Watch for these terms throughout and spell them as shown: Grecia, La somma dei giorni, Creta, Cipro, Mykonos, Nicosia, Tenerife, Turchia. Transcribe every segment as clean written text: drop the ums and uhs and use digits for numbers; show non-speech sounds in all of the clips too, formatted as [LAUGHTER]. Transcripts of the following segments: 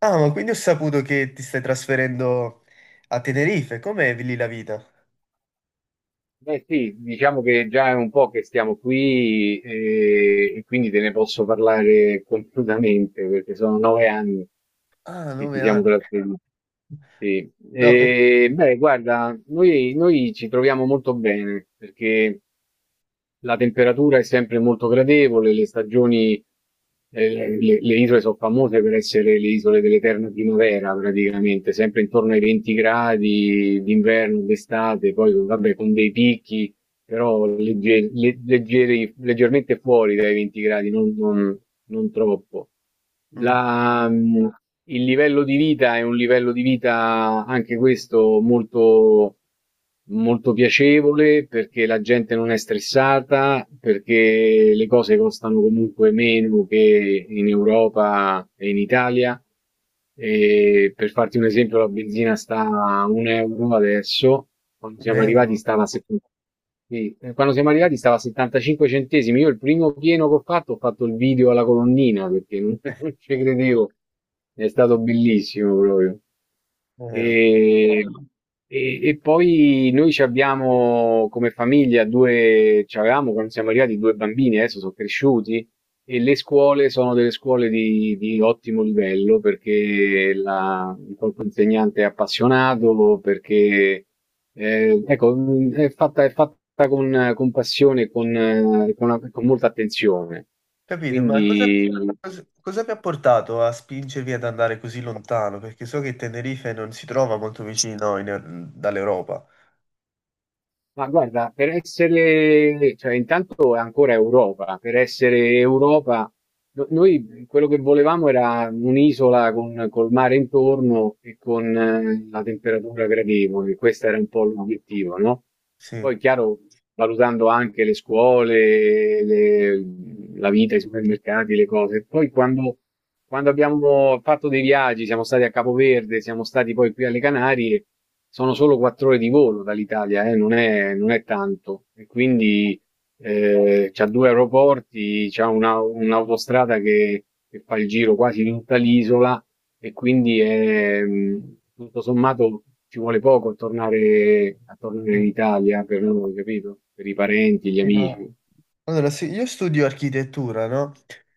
Ah, ma quindi ho saputo che ti stai trasferendo a Tenerife. Com'è lì la vita? Beh sì, diciamo che già è un po' che stiamo qui e quindi te ne posso parlare completamente perché sono 9 anni Ah, che ci 9 siamo anni. trattenuti. Sì. No, per... E, beh, guarda, noi ci troviamo molto bene perché la temperatura è sempre molto gradevole, le stagioni, le isole sono famose per essere le isole dell'eterna primavera praticamente, sempre intorno ai 20 gradi d'inverno, d'estate, poi vabbè con dei picchi però leggermente fuori dai 20 gradi, non troppo. mm, La- mh, il livello di vita è un livello di vita anche questo molto, molto piacevole perché la gente non è stressata, perché le cose costano comunque meno che in Europa e in Italia. E per farti un esempio, la benzina sta a un euro adesso, quando un siamo arrivati euro. stava a 70. Sì. Quando siamo arrivati stava a 75 centesimi. Io il primo pieno che ho fatto il video alla colonnina perché non, [LAUGHS] non ci credevo. È stato bellissimo proprio. Eh, E, e poi noi ci abbiamo come famiglia due, ci avevamo quando siamo arrivati due bambini, adesso sono cresciuti e le scuole sono delle scuole di ottimo livello perché il corpo insegnante è appassionato, perché ecco, è fatta con passione e con, con molta attenzione. capito, ma Quindi cosa vi ha portato a spingervi ad andare così lontano? Perché so che Tenerife non si trova molto vicino in- dall'Europa. Ma guarda, per essere, cioè intanto è ancora Europa, per essere Europa, noi quello che volevamo era un'isola con col mare intorno e con la temperatura gradevole, questo era un po' l'obiettivo, no? Sì. Poi, chiaro, valutando anche le scuole, la vita, i supermercati, le cose. Poi quando abbiamo fatto dei viaggi, siamo stati a Capoverde, siamo stati poi qui alle Canarie, sono solo 4 ore di volo dall'Italia, non è tanto. E quindi c'ha due aeroporti, c'ha un'autostrada che fa il giro quasi di tutta l'isola e quindi è, tutto sommato ci vuole poco a tornare in Mm. Italia per noi, capito? Per i parenti, gli Sì, ma- amici. Allora, sì, io studio architettura, no?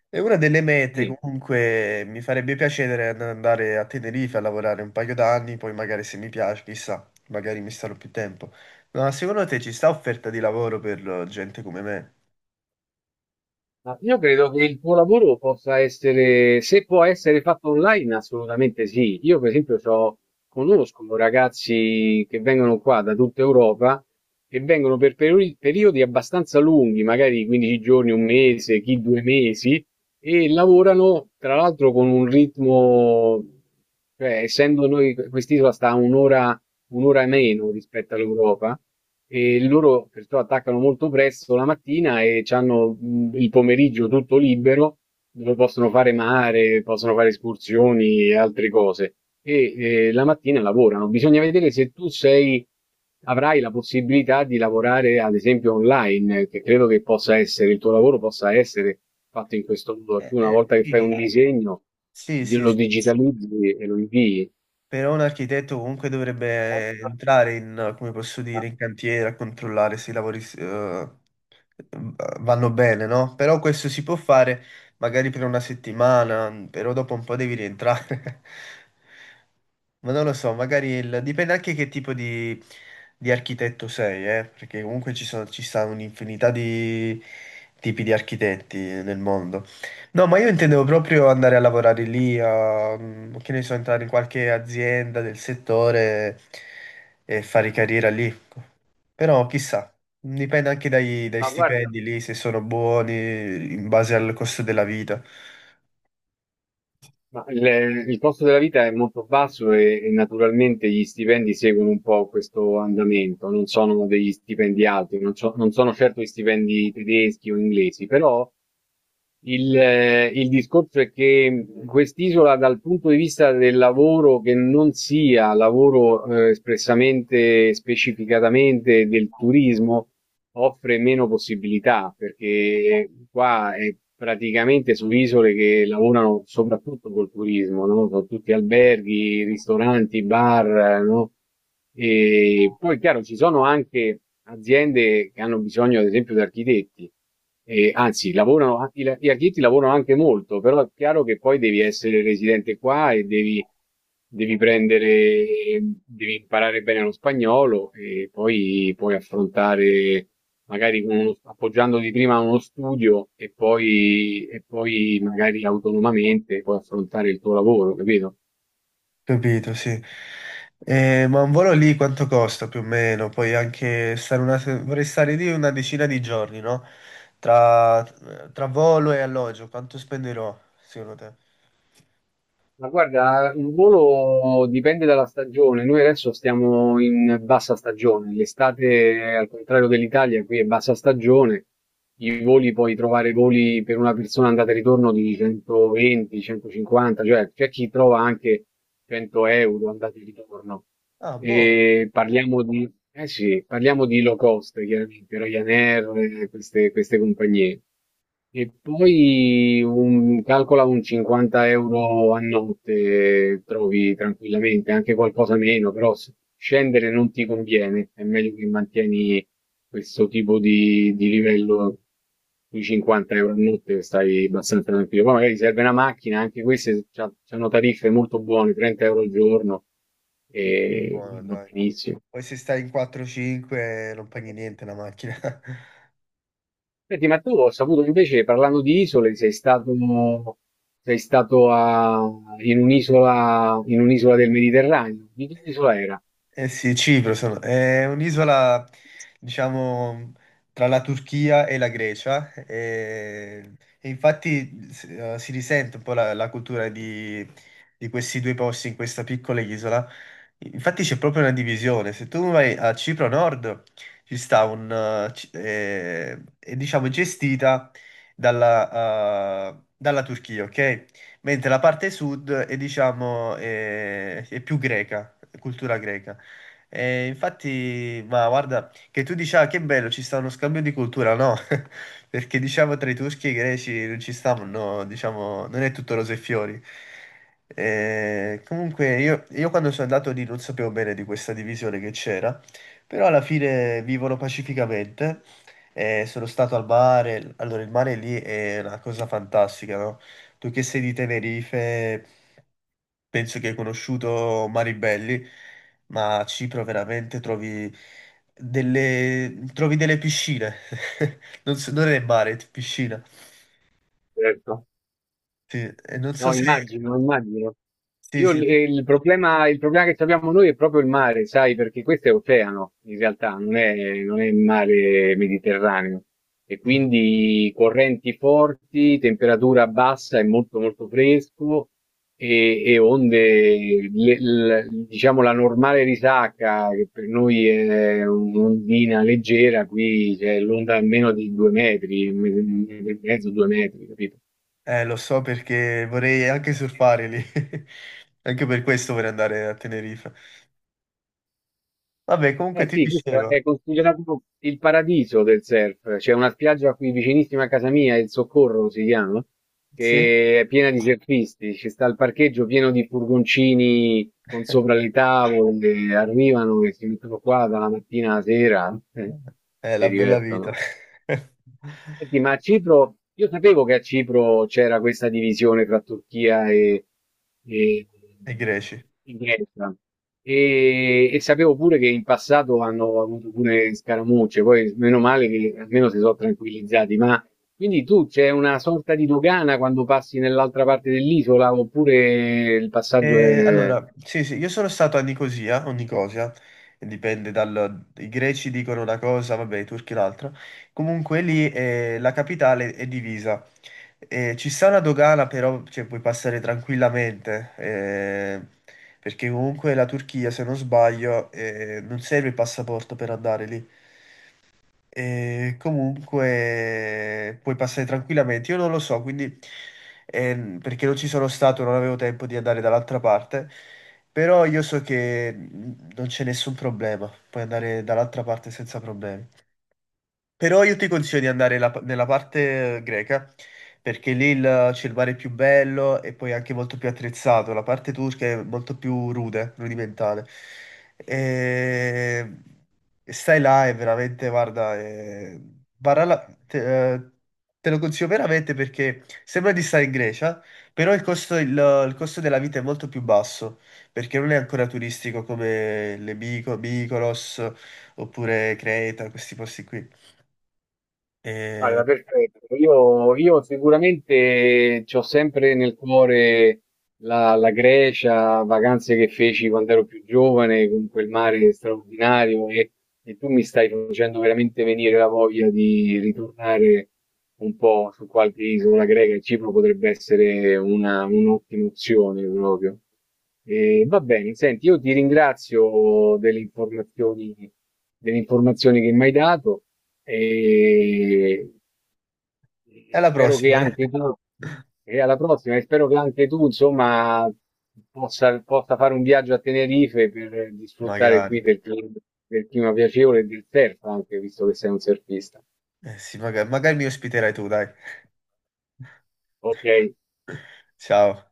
E una delle mete Sì. comunque mi farebbe piacere andare a Tenerife a lavorare un paio d'anni, poi magari se mi piace, chissà, magari mi starò più tempo. Ma secondo te ci sta offerta di lavoro per gente come me? Ma io credo che il tuo lavoro possa essere, se può essere fatto online, assolutamente sì. Io, per esempio, conosco ragazzi che vengono qua da tutta Europa e vengono per periodi abbastanza lunghi, magari 15 giorni, un mese, chi 2 mesi, e lavorano tra l'altro con un ritmo, cioè, essendo noi, quest'isola sta a un'ora meno rispetto all'Europa, e loro perciò attaccano molto presto la mattina e c'hanno il pomeriggio tutto libero, dove possono fare mare, possono fare escursioni e altre cose. E la mattina lavorano. Bisogna vedere se tu sei, avrai la possibilità di lavorare, ad esempio, online, che credo che possa essere, il tuo lavoro possa essere fatto in questo modo. Tu una volta che fai Sì. un disegno, lo Sì, digitalizzi e lo invii. però un architetto comunque dovrebbe entrare in, come posso dire, in cantiere a controllare se i lavori vanno bene, no? Però questo si può fare magari per una settimana, però dopo un po' devi rientrare. [LAUGHS] Ma non lo so, magari dipende anche che tipo di architetto sei, perché comunque ci sono, ci sta un'infinità di tipi di architetti nel mondo. No, ma io intendevo proprio andare a lavorare lì, a, mm, che ne so, entrare in qualche azienda del settore e fare carriera lì. Ecco. Però chissà, dipende anche dai Ma guarda, stipendi lì, se sono buoni in base al costo della vita. ma il costo della vita è molto basso e naturalmente gli stipendi seguono un po' questo andamento, non sono degli stipendi alti, non sono certo gli stipendi tedeschi o inglesi, però il discorso è che quest'isola dal punto di vista del lavoro che non sia lavoro espressamente, specificatamente del turismo, offre meno possibilità perché qua è praticamente su isole che lavorano soprattutto col turismo, no? Sono tutti alberghi, ristoranti, bar, no? E poi, chiaro, ci sono anche aziende che hanno bisogno, ad esempio, di architetti. E anzi, lavorano, gli architetti lavorano anche molto, però è chiaro che poi devi essere residente qua e devi prendere, devi imparare bene lo spagnolo e poi puoi affrontare, magari appoggiandoti prima a uno studio e poi magari autonomamente puoi affrontare il tuo lavoro, capito? Capito, sì. Ma un volo lì quanto costa più o meno? Poi anche stare una, vorrei stare lì una decina di giorni, no? Tra, tra volo e alloggio, quanto spenderò, secondo te? Ma guarda, il volo dipende dalla stagione. Noi adesso stiamo in bassa stagione. L'estate, al contrario dell'Italia, qui è bassa stagione. I voli puoi trovare voli per una persona andata e ritorno di 120, 150, cioè c'è chi trova anche 100 euro andata e ritorno. Ah, buono. E parliamo di low cost, chiaramente, Ryanair, queste compagnie. E poi calcola un 50 euro a notte, trovi tranquillamente, anche qualcosa meno, però scendere non ti conviene, è meglio che mantieni questo tipo di livello sui 50 euro a notte, stai abbastanza tranquillo. Poi magari serve una macchina, anche queste hanno tariffe molto buone, 30 euro al giorno. E Buono, va dai. benissimo. Poi se stai in 4-5 non paghi niente la macchina. [LAUGHS] Senti, ma tu ho saputo invece, parlando di isole, sei stato a- in un'isola del Mediterraneo. Di che isola era? Eh sì, è un'isola, diciamo, tra la Turchia e la Grecia e infatti si risente un po' la, la cultura di questi due posti in questa piccola isola. Infatti c'è proprio una divisione. Se tu vai a Cipro Nord, ci sta un... è, diciamo gestita dalla, dalla Turchia, ok? Mentre la parte sud è, diciamo, è più greca, cultura greca. E infatti, ma guarda, che tu dici, ah, che bello, ci sta uno scambio di cultura, no? [LAUGHS] Perché diciamo tra i turchi e i greci non ci stavano, no, diciamo, non è tutto rose e fiori. Comunque io quando sono andato lì non sapevo bene di questa divisione che c'era, però alla fine vivono pacificamente. Sono stato al mare, allora il mare lì è una cosa fantastica, no? Tu che sei di Tenerife, penso che hai conosciuto Maribelli, ma a Cipro veramente trovi trovi delle piscine. [LAUGHS] Non è mare, è piscina. Certo. Sì, e non so No, se... immagino, immagino. Sì, Io sì. l- il problema che abbiamo noi è proprio il mare, sai, perché questo è oceano, in realtà, non è il mare Mediterraneo. E Mm. quindi correnti forti, temperatura bassa e molto molto fresco e onde, diciamo la normale risacca, che per noi è un'ondina leggera, qui c'è l'onda almeno di 2 metri, un metro e mezzo, 2 metri, capito? Lo so perché vorrei anche surfare lì. [LAUGHS] Anche per questo vorrei andare a Tenerife. Vabbè, comunque Eh ti sì, questo dicevo, è considerato il paradiso del surf. C'è una spiaggia qui vicinissima a casa mia, il Soccorro si chiama, sì? che è piena di surfisti. Ci sta il parcheggio pieno di furgoncini con sopra [LAUGHS] le tavole, arrivano e si mettono qua dalla mattina alla sera È si la bella vita. divertono. [LAUGHS] Senti, ma a Cipro, io sapevo che a Cipro c'era questa divisione tra Turchia e- E greci. e Grecia e sapevo pure che in passato hanno avuto pure scaramucce, poi meno male che almeno si sono tranquillizzati, ma quindi tu c'è una sorta di dogana quando passi nell'altra parte dell'isola oppure il passaggio è…? Allora, sì, sì, io sono stato a Nicosia o Nicosia, dipende dal... I greci dicono una cosa, vabbè, i turchi l'altra. Comunque lì la capitale è divisa. Ci sta una dogana, però cioè, puoi passare tranquillamente, perché comunque la Turchia, se non sbaglio, non serve il passaporto per andare lì. E comunque puoi passare tranquillamente. Io non lo so, quindi perché non ci sono stato, non avevo tempo di andare dall'altra parte, però io so che non c'è nessun problema, puoi andare dall'altra parte senza problemi. Però io ti consiglio di andare nella parte greca, perché lì c'è il mare più bello e poi anche molto più attrezzato. La parte turca è molto più rude, rudimentale. E... e stai là e veramente, guarda, te, te lo consiglio veramente perché sembra di stare in Grecia, però il costo della vita è molto più basso, perché non è ancora turistico come le Mykonos oppure Creta, questi posti qui. E Guarda, perfetto. Io sicuramente ci ho sempre nel cuore la Grecia, vacanze che feci quando ero più giovane, con quel mare straordinario e tu mi stai facendo veramente venire la voglia di ritornare un po' su qualche isola greca e Cipro potrebbe essere un'ottima opzione proprio. E va bene, senti, io ti ringrazio delle informazioni, che mi hai dato e e e alla spero che prossima, dai. anche tu, [LAUGHS] e alla prossima, e spero che anche tu, insomma, possa fare un viaggio a Tenerife per disfruttare Magari. qui del clima piacevole e del surf, anche visto che sei un surfista. Eh sì, magari, magari mi ospiterai tu, dai. Ok. Ciao.